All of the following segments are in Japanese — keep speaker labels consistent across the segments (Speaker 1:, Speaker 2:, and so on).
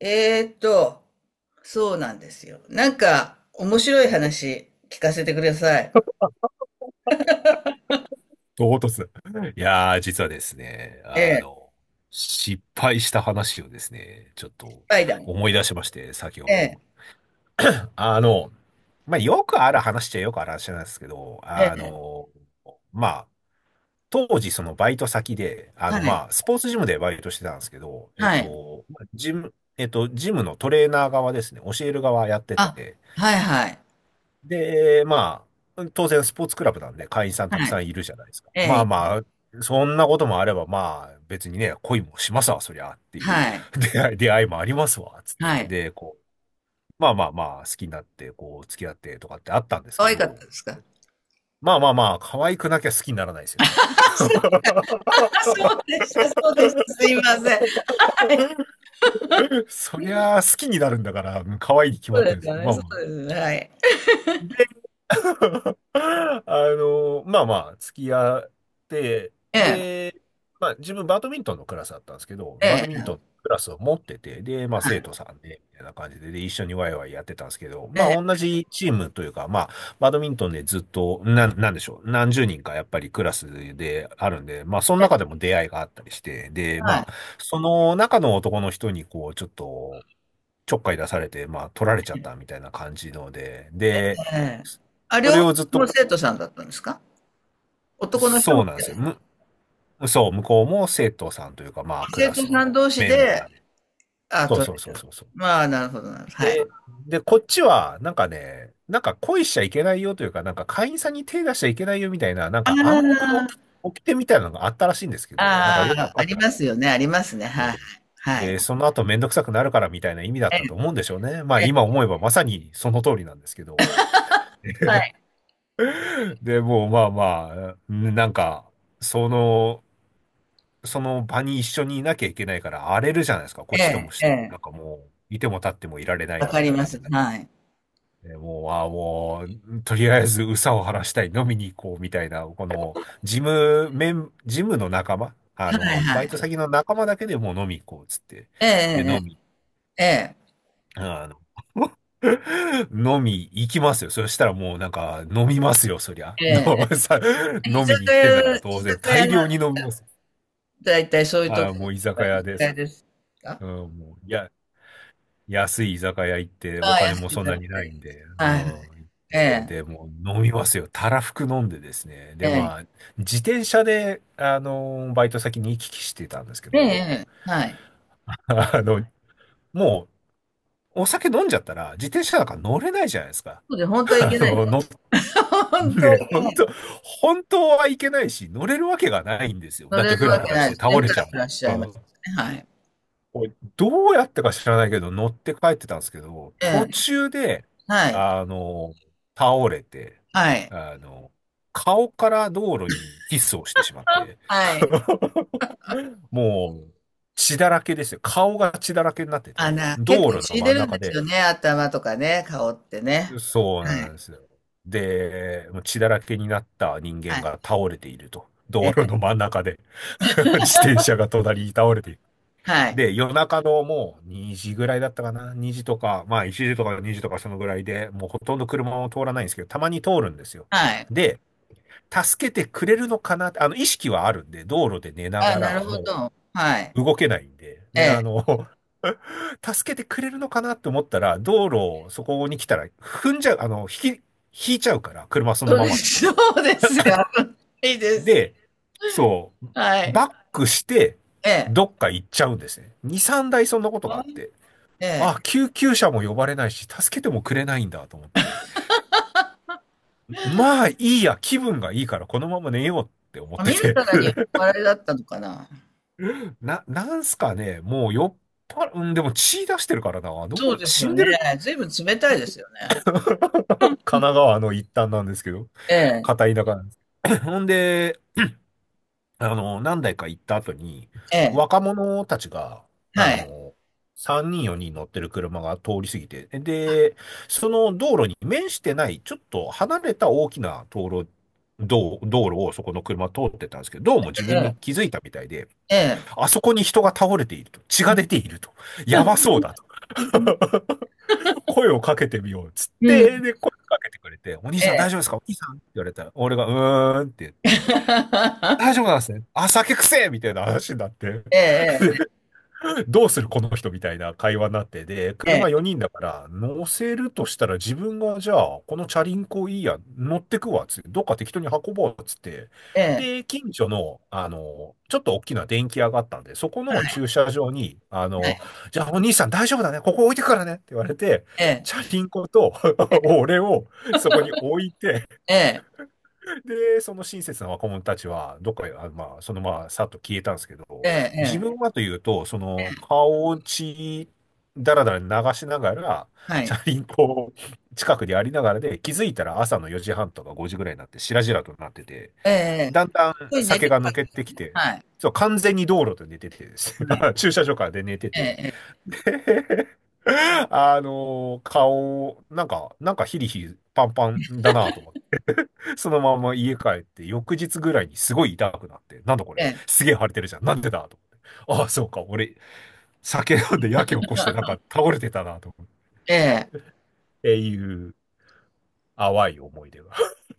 Speaker 1: えーっと、そうなんですよ。なんか、面白い話聞かせてください。
Speaker 2: 唐突。いやー、実はですね、
Speaker 1: ええ、
Speaker 2: 失敗した話をですね、ちょっ
Speaker 1: ス
Speaker 2: と
Speaker 1: パイダー。
Speaker 2: 思い出しまして、先ほ
Speaker 1: ええ、
Speaker 2: ど。あの、よくある話っちゃよくある話なんですけど、
Speaker 1: ええ、
Speaker 2: まあ、当時そのバイト先で、
Speaker 1: はい、
Speaker 2: スポーツジムでバイトしてたんですけど、えっ
Speaker 1: はい。
Speaker 2: と、ジム、えっと、ジムのトレーナー側ですね、教える側やって
Speaker 1: あ、
Speaker 2: て、
Speaker 1: はい、はい、
Speaker 2: で、まあ、当然スポーツクラブなんで会員さんたく
Speaker 1: は
Speaker 2: さ
Speaker 1: い、
Speaker 2: んいるじゃないですか。
Speaker 1: え
Speaker 2: まあ
Speaker 1: え、
Speaker 2: まあ、そんなこともあれば、まあ別にね、恋もしますわ、そりゃっていう
Speaker 1: はい、
Speaker 2: 出会いもありますわ、つっ
Speaker 1: は
Speaker 2: て。
Speaker 1: い。
Speaker 2: で、こう、まあまあまあ、好きになって、こう、付き合ってとかってあったんです
Speaker 1: 可
Speaker 2: け
Speaker 1: 愛かった
Speaker 2: ど、
Speaker 1: ですか？
Speaker 2: まあまあまあ、可愛くなきゃ好きにならないですよね。
Speaker 1: そうでした、そうでした。すいません。はい、
Speaker 2: そりゃあ好きになるんだから、可愛いに決
Speaker 1: そ
Speaker 2: ま
Speaker 1: う
Speaker 2: って
Speaker 1: で
Speaker 2: るん
Speaker 1: す
Speaker 2: です。
Speaker 1: よね、
Speaker 2: まあ
Speaker 1: そ
Speaker 2: まあ。
Speaker 1: うですね。はい。
Speaker 2: まあまあ、付き合って、
Speaker 1: ええ、
Speaker 2: で、まあ自分バドミントンのクラスだったんですけど、バ
Speaker 1: え
Speaker 2: ドミントン
Speaker 1: え、
Speaker 2: のクラスを持ってて、で、まあ生徒さんで、みたいな感じで、で、一緒にワイワイやってたんですけど、
Speaker 1: え
Speaker 2: ま
Speaker 1: え、
Speaker 2: あ同じチームというか、まあ、バドミントンでずっと、なんでしょう、何十人かやっぱりクラスであるんで、まあその
Speaker 1: ええ、
Speaker 2: 中でも出会いがあったりして、で、
Speaker 1: は
Speaker 2: まあ、
Speaker 1: い、
Speaker 2: その中の男の人にこう、ちょっかい出されて、まあ、取られちゃったみたいな感じので、で、
Speaker 1: ええ。あ、
Speaker 2: そ
Speaker 1: 両
Speaker 2: れ
Speaker 1: 方
Speaker 2: を
Speaker 1: と
Speaker 2: ずっ
Speaker 1: も
Speaker 2: と、
Speaker 1: 生徒さんだったんですか？男の人
Speaker 2: そう
Speaker 1: も
Speaker 2: なんで
Speaker 1: 生
Speaker 2: す
Speaker 1: 徒
Speaker 2: よ。
Speaker 1: さん。
Speaker 2: そう、向こうも生徒さんというか、まあ、ク
Speaker 1: 生
Speaker 2: ラ
Speaker 1: 徒
Speaker 2: ス
Speaker 1: さん
Speaker 2: の
Speaker 1: 同士
Speaker 2: メン
Speaker 1: で、
Speaker 2: バーで。
Speaker 1: あ、
Speaker 2: そう
Speaker 1: 取
Speaker 2: そうそ
Speaker 1: ら
Speaker 2: う
Speaker 1: れた。
Speaker 2: そうそう。
Speaker 1: まあ、なるほどなるほど。はい。
Speaker 2: で、で、こっちは、なんかね、なんか恋しちゃいけないよというか、なんか会員さんに手出しちゃいけないよみたいな、なんか暗黙の
Speaker 1: あ
Speaker 2: 起掟みたいなのがあったらしいんですけど、なんか
Speaker 1: あ、
Speaker 2: よくわ
Speaker 1: ああ、
Speaker 2: か
Speaker 1: あ
Speaker 2: って
Speaker 1: り
Speaker 2: なく
Speaker 1: ます
Speaker 2: て。
Speaker 1: よね、ありますね。
Speaker 2: う
Speaker 1: は
Speaker 2: ん。
Speaker 1: いはい。
Speaker 2: で、その後めんどくさくなるからみたいな意味だっ
Speaker 1: え
Speaker 2: たと思う
Speaker 1: え、
Speaker 2: んでしょうね。まあ
Speaker 1: え
Speaker 2: 今
Speaker 1: え、
Speaker 2: 思えばまさにその通りなんですけど。
Speaker 1: はい。
Speaker 2: で、もうまあまあ、ねなんか、その、その場に一緒にいなきゃいけないから荒れるじゃないですか。こ
Speaker 1: え
Speaker 2: っちとも
Speaker 1: え、
Speaker 2: し
Speaker 1: え
Speaker 2: ても。なん
Speaker 1: え。
Speaker 2: かもう、いても立ってもいられない
Speaker 1: わ
Speaker 2: み
Speaker 1: か
Speaker 2: たい
Speaker 1: り
Speaker 2: な
Speaker 1: ま
Speaker 2: 感じ
Speaker 1: す。
Speaker 2: になって。
Speaker 1: はい。
Speaker 2: でもう、ああ、もう、とりあえず、憂さを晴らしたい、飲みに行こう、みたいな、この、ジムの仲間、
Speaker 1: はいは
Speaker 2: バイ
Speaker 1: い。
Speaker 2: ト先の仲間だけでもう飲み行こう、つって。
Speaker 1: え
Speaker 2: で、
Speaker 1: え
Speaker 2: 飲み
Speaker 1: ええええ。
Speaker 2: あの 飲み行きますよ。そしたらもうなんか飲みますよ、そりゃ。
Speaker 1: え え。
Speaker 2: の
Speaker 1: ええ、
Speaker 2: さ
Speaker 1: 居
Speaker 2: 飲
Speaker 1: 酒
Speaker 2: みに行ってんだか
Speaker 1: 屋、
Speaker 2: ら
Speaker 1: 居
Speaker 2: 当
Speaker 1: 酒
Speaker 2: 然
Speaker 1: 屋
Speaker 2: 大
Speaker 1: の、
Speaker 2: 量に飲みます。
Speaker 1: だいたいそういうと
Speaker 2: あ
Speaker 1: こ
Speaker 2: ー、もう居
Speaker 1: が
Speaker 2: 酒
Speaker 1: 居
Speaker 2: 屋
Speaker 1: 酒
Speaker 2: です。
Speaker 1: 屋ですか？
Speaker 2: うん、もう、や、安い居酒屋行ってお
Speaker 1: ああ、
Speaker 2: 金
Speaker 1: 安
Speaker 2: も
Speaker 1: い
Speaker 2: そん
Speaker 1: だ
Speaker 2: な
Speaker 1: なっ
Speaker 2: にない
Speaker 1: て。
Speaker 2: んで、
Speaker 1: は
Speaker 2: うん、
Speaker 1: いはい。
Speaker 2: 行っ
Speaker 1: え
Speaker 2: て、で、
Speaker 1: え、
Speaker 2: もう飲みますよ。たらふく飲んでですね。
Speaker 1: え
Speaker 2: で、まあ、
Speaker 1: え。
Speaker 2: 自転車で、バイト先に行き来してたんですけ
Speaker 1: ええ
Speaker 2: ど、
Speaker 1: ええ、はい。
Speaker 2: あの、もう、お酒飲んじゃったら、自転車なんか乗れないじゃないですか。
Speaker 1: そうで、本当は い
Speaker 2: あ
Speaker 1: けない。
Speaker 2: の、
Speaker 1: 本当は
Speaker 2: ね、
Speaker 1: いけない。
Speaker 2: 本当はいけないし、乗れるわけがないんですよ。
Speaker 1: 乗
Speaker 2: だっ
Speaker 1: れ
Speaker 2: て
Speaker 1: る
Speaker 2: フラ
Speaker 1: わ
Speaker 2: フ
Speaker 1: け
Speaker 2: ラし
Speaker 1: ない
Speaker 2: て
Speaker 1: です
Speaker 2: 倒
Speaker 1: ね。
Speaker 2: れ
Speaker 1: ふ
Speaker 2: ち
Speaker 1: ら
Speaker 2: ゃ
Speaker 1: ふらしち
Speaker 2: う。う
Speaker 1: ゃいま
Speaker 2: ん、
Speaker 1: すね。はい。
Speaker 2: おいどうやってか知らないけど、乗って帰ってたんですけど、
Speaker 1: え
Speaker 2: 途
Speaker 1: え。
Speaker 2: 中で、
Speaker 1: はい。
Speaker 2: あの、倒れて、
Speaker 1: はい。
Speaker 2: あの、顔から道路にキスをしてしまって、
Speaker 1: はい。
Speaker 2: もう、血だらけですよ。顔が血だらけになって
Speaker 1: あ
Speaker 2: て、
Speaker 1: の、結
Speaker 2: 道
Speaker 1: 構
Speaker 2: 路の
Speaker 1: 血出
Speaker 2: 真ん
Speaker 1: るんで
Speaker 2: 中
Speaker 1: すよ
Speaker 2: で、
Speaker 1: ね、頭とかね、顔ってね。
Speaker 2: そう
Speaker 1: は
Speaker 2: なん
Speaker 1: い。
Speaker 2: ですよ。で、もう血だらけになった人
Speaker 1: は
Speaker 2: 間
Speaker 1: い。
Speaker 2: が倒れていると。道
Speaker 1: ええ。
Speaker 2: 路の真ん中で 自転車が隣に倒れている。
Speaker 1: はい。
Speaker 2: で、夜中のもう2時ぐらいだったかな？ 2 時とか、まあ1時とか2時とかそのぐらいで、もうほとんど車も通らないんですけど、たまに通るんですよ。
Speaker 1: はい。
Speaker 2: で、助けてくれるのかなって、意識はあるんで、道路で寝な
Speaker 1: あ、
Speaker 2: が
Speaker 1: なる
Speaker 2: ら、
Speaker 1: ほ
Speaker 2: も
Speaker 1: ど。はい。
Speaker 2: う動けないんで、
Speaker 1: え
Speaker 2: で、
Speaker 1: え。
Speaker 2: 助けてくれるのかなって思ったら、道路をそこに来たら踏んじゃう、引いちゃうから、車その
Speaker 1: そう
Speaker 2: ま
Speaker 1: で
Speaker 2: まだ
Speaker 1: す。そ
Speaker 2: と。
Speaker 1: うですよ。危ないですよ。
Speaker 2: で、そう、
Speaker 1: はい。
Speaker 2: バックして、
Speaker 1: え
Speaker 2: ど
Speaker 1: え。
Speaker 2: っか行っちゃうんですね。2、3台そんなことがあって。
Speaker 1: ええ。
Speaker 2: あ、救急車も呼ばれないし、助けてもくれないんだと思って。まあいいや、気分がいいからこのまま寝ようって思っ
Speaker 1: 見
Speaker 2: て
Speaker 1: る
Speaker 2: て。
Speaker 1: からに酔っ 払いだったのかな？
Speaker 2: なんすかね、もう酔っ払、うん、でも血出してるからな。どう
Speaker 1: そう
Speaker 2: な、
Speaker 1: です
Speaker 2: 死
Speaker 1: よ
Speaker 2: ん
Speaker 1: ね。
Speaker 2: でる、
Speaker 1: ずいぶん冷たいですよね。
Speaker 2: 神奈川の一端なんですけど、
Speaker 1: ええ。
Speaker 2: 片田舎なんです。ほんで、何台か行った後に、
Speaker 1: ええ。
Speaker 2: 若者たちが、あ
Speaker 1: はい。
Speaker 2: の、3人4人乗ってる車が通り過ぎて、で、その道路に面してない、ちょっと離れた大きな道路、道路をそこの車通ってたんですけど、どうも自
Speaker 1: え
Speaker 2: 分に
Speaker 1: え。
Speaker 2: 気づいたみたいで、
Speaker 1: ええ。
Speaker 2: あそこに人が倒れていると、血が出ていると、やばそうだと。声をかけてみようっつっ
Speaker 1: う
Speaker 2: て、
Speaker 1: ん。
Speaker 2: で、声をかけてくれて、お兄
Speaker 1: え
Speaker 2: さん大
Speaker 1: え。
Speaker 2: 丈夫ですかお兄さんって言われたら、俺がうーんって言って、大丈夫なんですね。あ、酒くせえみたいな話になって、
Speaker 1: えええ
Speaker 2: どうするこの人みたいな会話になって、で、
Speaker 1: え
Speaker 2: 車4人だから、乗せるとしたら自分が、じゃあ、このチャリンコいいや、乗ってくわ、つって、どっか適当に運ぼう、つって。
Speaker 1: ええ。ええ。
Speaker 2: で、近所の、ちょっと大きな電気屋があったんで、そこの駐車場に、
Speaker 1: はい。
Speaker 2: じゃあお兄さん大丈夫だね、ここ置いてくからね、って言われて、
Speaker 1: ええ、
Speaker 2: チャリンコと 俺をそこに置いて、
Speaker 1: ええ、
Speaker 2: で、その親切な若者たちは、どっかへ、あ、まあ、そのまま、さっと消えたんですけ
Speaker 1: え
Speaker 2: ど、
Speaker 1: ええ
Speaker 2: 自分
Speaker 1: え、
Speaker 2: はというと、その、顔を血だらだら流しながら、
Speaker 1: は
Speaker 2: チ
Speaker 1: い。
Speaker 2: ャリンコを近くにありながらで、気づいたら朝の4時半とか5時ぐらいになって、しらじらとなってて、
Speaker 1: えええ
Speaker 2: だん
Speaker 1: え。
Speaker 2: だん
Speaker 1: 寝
Speaker 2: 酒
Speaker 1: て
Speaker 2: が
Speaker 1: か
Speaker 2: 抜けてきて、
Speaker 1: ら、はい、
Speaker 2: そう、完全に道路で寝ててです
Speaker 1: は
Speaker 2: ね、
Speaker 1: い。
Speaker 2: 駐車場からで寝てて、
Speaker 1: ええ
Speaker 2: あの顔、なんか、なんかヒリヒリパンパンだなと思っそのまま家帰って、翌日ぐらいにすごい痛くなって、なんだこ
Speaker 1: え
Speaker 2: れ、
Speaker 1: え、
Speaker 2: すげえ腫れてるじゃん。なんでだと思って。ああ、そうか、俺、酒飲んでやけ起こして、なんか倒れてたな、と思って。
Speaker 1: ええ、ええ。
Speaker 2: っていう、淡い思い出が。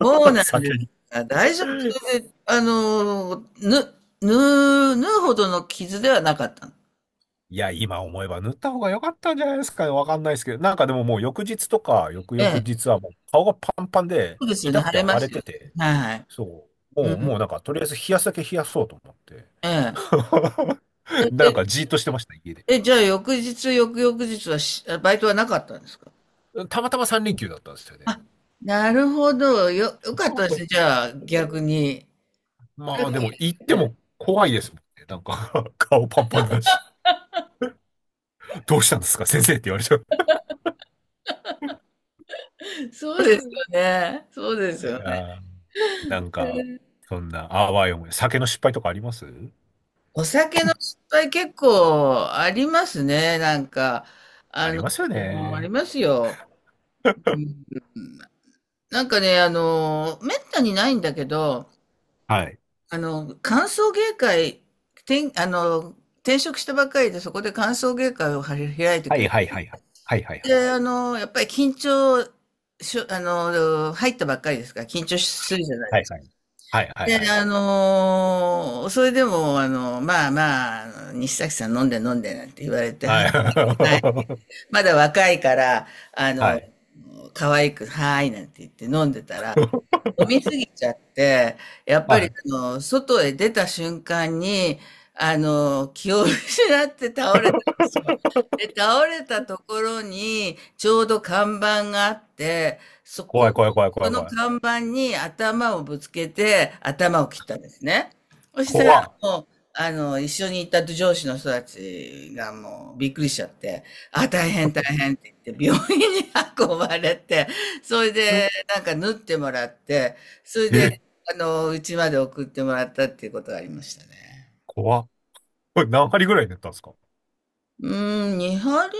Speaker 1: そう なん
Speaker 2: 酒に。
Speaker 1: だ、大丈夫。それで、あの、ぬ縫う縫うほどの傷ではなかったの？
Speaker 2: いや、今思えば塗った方が良かったんじゃないですかね。わかんないですけど。なんかでももう翌日とか、翌
Speaker 1: え
Speaker 2: 々
Speaker 1: え、
Speaker 2: 日はもう顔がパンパンで、
Speaker 1: そうですよ
Speaker 2: 痛
Speaker 1: ね、
Speaker 2: く
Speaker 1: 腫れ
Speaker 2: て
Speaker 1: ま
Speaker 2: 腫れ
Speaker 1: すよ
Speaker 2: て
Speaker 1: ね。
Speaker 2: て、
Speaker 1: はいはい。
Speaker 2: そう。
Speaker 1: う
Speaker 2: もう、も
Speaker 1: ん。
Speaker 2: うなんか、とりあえず冷やすだけ冷やそうと思って。
Speaker 1: ええ。
Speaker 2: なん
Speaker 1: え、
Speaker 2: かじーっとしてました、家で。
Speaker 1: え、え、じゃあ翌日、翌々日はバイトはなかったんですか？
Speaker 2: たまたま三連休だったんですよね。
Speaker 1: あ、なるほど。良かったですね、じ ゃあ、逆に。ラ
Speaker 2: ま
Speaker 1: ッ
Speaker 2: あで
Speaker 1: キー
Speaker 2: も行っ
Speaker 1: です
Speaker 2: て
Speaker 1: ね。
Speaker 2: も怖いですもんね。なんか 顔パンパンだし。どうしたんですか先生って言われちゃっ
Speaker 1: そうですよね。そうですよ
Speaker 2: て。
Speaker 1: ね。
Speaker 2: あーなんか、そんな、あわよも、酒の失敗とかあります
Speaker 1: お酒の失敗結構ありますね、なんか。
Speaker 2: あ
Speaker 1: あ
Speaker 2: り
Speaker 1: の、
Speaker 2: ますよ
Speaker 1: あり
Speaker 2: ね。
Speaker 1: ますよ。うん、なんかね、あの、めったにないんだけど、
Speaker 2: はい。
Speaker 1: あの、歓送迎会、あの、転職したばっかりで、そこで歓送迎会を開いて
Speaker 2: は
Speaker 1: くれ
Speaker 2: い
Speaker 1: て、
Speaker 2: はいはいはい。はいはいはい。
Speaker 1: で、あの、やっぱり緊張しょ、あの、入ったばっかりですから、緊張するじゃない。
Speaker 2: はいはい。はいはい
Speaker 1: で、
Speaker 2: はい。
Speaker 1: あのー、それでも、あの、まあまあ、あの、西崎さん飲んで飲んでなんて言われて、は
Speaker 2: は
Speaker 1: い、は
Speaker 2: い。
Speaker 1: い、まだ若いから、あの、可愛く、はーいなんて言って飲んでた ら、
Speaker 2: は
Speaker 1: 飲み
Speaker 2: い。
Speaker 1: すぎちゃって、や っぱ
Speaker 2: は
Speaker 1: り、
Speaker 2: い。
Speaker 1: あの、外へ出た瞬間に、あの、気を失って倒れで、倒れたところに、ちょうど看板があって、
Speaker 2: 怖い怖い怖い怖
Speaker 1: そ
Speaker 2: い
Speaker 1: の
Speaker 2: 怖い。
Speaker 1: 看板に頭をぶつけて、頭を切ったんですね。そしたら
Speaker 2: 怖
Speaker 1: もう、あの、一緒にいた上司の人たちがもうびっくりしちゃって、あ、大変大変って言って、病院に 運ばれて、それ
Speaker 2: っ。
Speaker 1: で、なんか縫ってもらって、それで、
Speaker 2: え、
Speaker 1: あの、うちまで送ってもらったっていうことがありましたね。
Speaker 2: 怖っ。これ何針ぐらい塗ったんですか？
Speaker 1: うーん、2針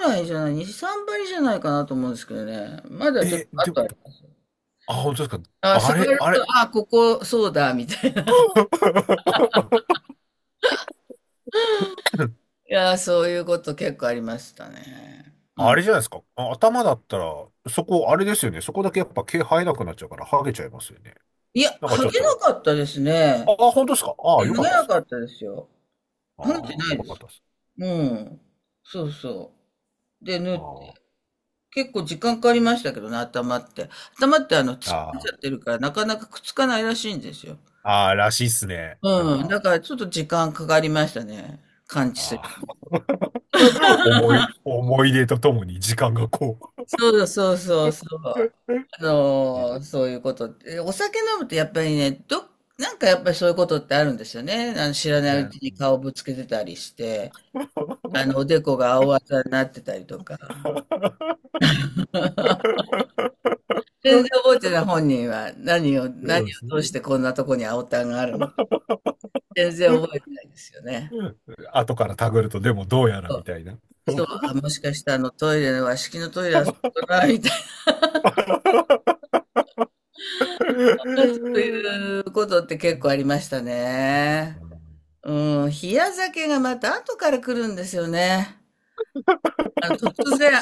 Speaker 1: ぐらいじゃない、2、3針じゃないかなと思うんですけどね。まだちょっと
Speaker 2: え、
Speaker 1: あ
Speaker 2: で
Speaker 1: と
Speaker 2: も、
Speaker 1: あります。
Speaker 2: あ、本当ですか。
Speaker 1: あ、
Speaker 2: あ
Speaker 1: 触
Speaker 2: れ、
Speaker 1: る
Speaker 2: あ
Speaker 1: と、
Speaker 2: れ。
Speaker 1: あ、ここ、そうだ、みたいな。いやー、そういうこと結構ありましたね。う
Speaker 2: あれ
Speaker 1: ん。
Speaker 2: じゃないですか。あ、頭だったら、そこ、あれですよね。そこだけやっぱ毛生えなくなっちゃうから、ハゲちゃいますよね。
Speaker 1: いや、
Speaker 2: なんかち
Speaker 1: 剥
Speaker 2: ょっ
Speaker 1: げな
Speaker 2: と。
Speaker 1: かったです
Speaker 2: あ、
Speaker 1: ね。
Speaker 2: あ、本当ですか。あ
Speaker 1: い
Speaker 2: あ、
Speaker 1: や剥
Speaker 2: よ
Speaker 1: げ
Speaker 2: かったっ
Speaker 1: な
Speaker 2: す。
Speaker 1: かったですよ。
Speaker 2: あ
Speaker 1: 剥げて
Speaker 2: あ、
Speaker 1: な
Speaker 2: よ
Speaker 1: いで
Speaker 2: かっ
Speaker 1: す。
Speaker 2: たっす。
Speaker 1: うん。そうそう。で、縫って、
Speaker 2: あ
Speaker 1: 結構時間かかりましたけどね、頭って。頭ってあの、
Speaker 2: あ、
Speaker 1: 突っ張っち
Speaker 2: あ
Speaker 1: ゃってるから、なかなかくっつかないらしいんですよ。
Speaker 2: あ、ああらしいっすね。なん
Speaker 1: うん。
Speaker 2: か、
Speaker 1: だからちょっと時間かかりましたね。完治する。
Speaker 2: ああ。 思い出とともに時間がこう。
Speaker 1: そうそうそうそう。あ
Speaker 2: え
Speaker 1: のー、そういうことって。お酒飲むとやっぱりね、なんかやっぱりそういうことってあるんですよね。あの、知らないうち
Speaker 2: な、
Speaker 1: に顔 ぶつけてたりして、あの、おでこが青あざになってたりとか。全然覚えてない、本人は何を、
Speaker 2: そ
Speaker 1: 何を
Speaker 2: うですね。
Speaker 1: 通してこんなとこに青たんがあるのか全然覚えてないですよね。
Speaker 2: うん。後からたぐると、でもどうやら
Speaker 1: そ
Speaker 2: み
Speaker 1: う、
Speaker 2: たいな。
Speaker 1: そう、あ、もしかしたらあのトイレの和式のトイレはそこだな、そう
Speaker 2: うん。
Speaker 1: いうことって結構ありましたね。うん、冷や酒がまた後から来るんですよね。あの、突然、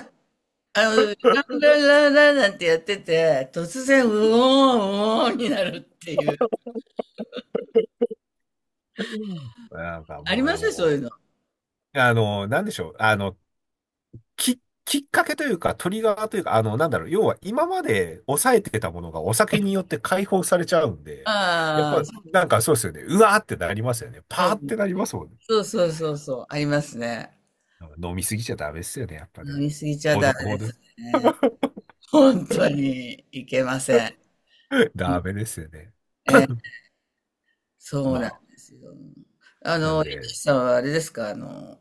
Speaker 1: あの、ランランランランなんてやってて、突然、うおー、うおーになるっていう。
Speaker 2: なんか
Speaker 1: あり
Speaker 2: もう
Speaker 1: ま
Speaker 2: で
Speaker 1: すそうい
Speaker 2: も、
Speaker 1: うの。
Speaker 2: あの、なんでしょう。あの、き、きっかけというか、トリガーというか、あの、なんだろう。要は今まで抑えてたものがお酒によって解放されちゃうんで、やっ
Speaker 1: あ
Speaker 2: ぱ、なんかそうですよね。うわーってなりますよね。パ
Speaker 1: あ、う
Speaker 2: ーっ
Speaker 1: ん。
Speaker 2: てなりますもんね。
Speaker 1: そうそうそうそう、ありますね。
Speaker 2: 飲みすぎちゃダメですよね。やっぱ
Speaker 1: 飲
Speaker 2: ね。
Speaker 1: みすぎちゃ
Speaker 2: ほ
Speaker 1: ダ
Speaker 2: ど
Speaker 1: メ
Speaker 2: ほ
Speaker 1: で
Speaker 2: どで
Speaker 1: す
Speaker 2: す。
Speaker 1: ね。本当にいけません。う
Speaker 2: ダ
Speaker 1: ん、
Speaker 2: メですよね。
Speaker 1: えそう
Speaker 2: ま
Speaker 1: なんですよ。あ
Speaker 2: あ、な
Speaker 1: の、
Speaker 2: ん
Speaker 1: エッチ
Speaker 2: で、
Speaker 1: さんはあれですか、あの、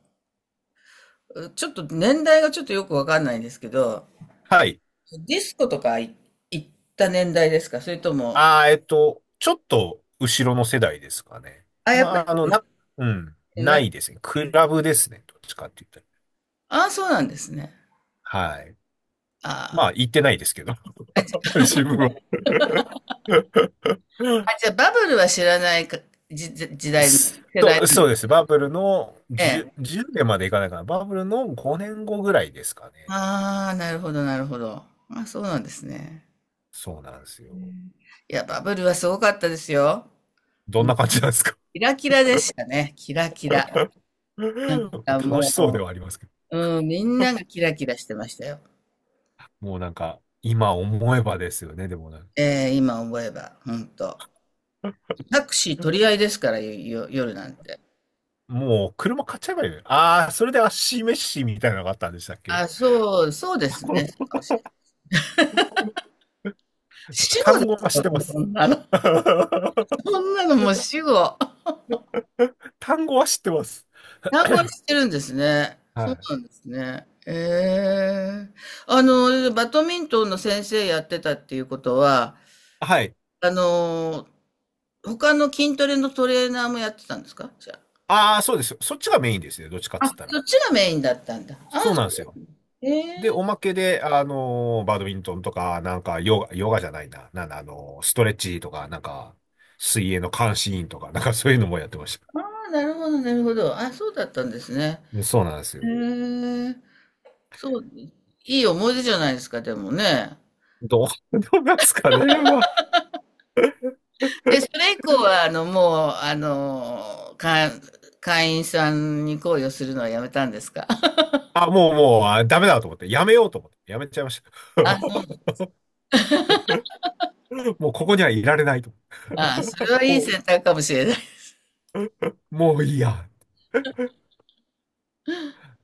Speaker 1: ちょっと年代がちょっとよくわかんないんですけど、
Speaker 2: はい。
Speaker 1: ディスコとか行った年代ですか、それとも？
Speaker 2: ああ、ちょっと後ろの世代ですかね。
Speaker 1: あ、やっぱ
Speaker 2: まあ、うん、
Speaker 1: り、な
Speaker 2: な
Speaker 1: んか、
Speaker 2: いですね。クラブですね。どっちかって言った
Speaker 1: ああ、そうなんですね。
Speaker 2: ら。はい。ま
Speaker 1: あ
Speaker 2: あ、行ってないですけど、
Speaker 1: あ、
Speaker 2: 自分は。
Speaker 1: あじゃあバブルは知らないか、時代、世
Speaker 2: そ
Speaker 1: 代
Speaker 2: う、
Speaker 1: な
Speaker 2: そ
Speaker 1: ん
Speaker 2: うです。バブルの
Speaker 1: で、
Speaker 2: 10、年までいかないかな。バブルの5年後ぐらいですかね。
Speaker 1: ああ、なるほど、なるほど。あ、そうなんですね。
Speaker 2: そうなんですよ。
Speaker 1: いや、バブルはすごかったですよ。
Speaker 2: どん
Speaker 1: もう、
Speaker 2: な感じなんですか？
Speaker 1: キラキラでしたね。キラキラ。なんか
Speaker 2: 楽しそうで
Speaker 1: も
Speaker 2: はありますけど。
Speaker 1: う、うん、みんながキラキラしてましたよ。
Speaker 2: もうなんか、今思えばですよね、でもなんか。
Speaker 1: 今思えば、ほんと。タクシー取り合いですから、夜なんて。
Speaker 2: もう車買っちゃえばいいのよ。ああ、それで足飯みたいなのがあったんでしたっけ？
Speaker 1: あ、そう、そうですね。そうかもしれない。
Speaker 2: なんか
Speaker 1: 死語
Speaker 2: 単
Speaker 1: で
Speaker 2: 語
Speaker 1: す
Speaker 2: は知っ
Speaker 1: よ、
Speaker 2: てま
Speaker 1: そ
Speaker 2: す。
Speaker 1: んなの。そんなのもう死語。
Speaker 2: 単語は知ってます。
Speaker 1: 単語にしてるんですね。そ
Speaker 2: は
Speaker 1: う
Speaker 2: い。
Speaker 1: なんですね。ええ、あの、バドミントンの先生やってたっていうことは、
Speaker 2: はい。
Speaker 1: あの、他の筋トレのトレーナーもやってたんですか、じゃ
Speaker 2: ああ、そうですよ。そっちがメインですね。どっちかっ
Speaker 1: あ？あ、
Speaker 2: つった
Speaker 1: そ
Speaker 2: ら。
Speaker 1: っちがメインだったんだ。あ、
Speaker 2: そうなんですよ。
Speaker 1: え
Speaker 2: で、おま
Speaker 1: え、
Speaker 2: けで、あのーバドミントンとか、なんか、ヨガ、ヨガじゃないな。なんだ、あのーストレッチとか、なんか、水泳の監視員とか、なんかそういうのもやってまし
Speaker 1: ああ、なるほど、なるほど。あ、そうだったんですね。
Speaker 2: た。そうなんです
Speaker 1: へ
Speaker 2: よ。
Speaker 1: え。そう、いい思い出じゃないですか、でもね。
Speaker 2: どうなんですかね、まあ。
Speaker 1: で、それ以降は、あの、もう、あの、会員さんに行為をするのはやめたんですか？
Speaker 2: あ、もう、もう、あ、ダメだと思って、やめようと思って、やめちゃいました。
Speaker 1: あ、そ う。
Speaker 2: もうここにはいられないと
Speaker 1: あ、それはいい
Speaker 2: 思っ
Speaker 1: 選
Speaker 2: て。
Speaker 1: 択かもしれない。
Speaker 2: もう、もういいや。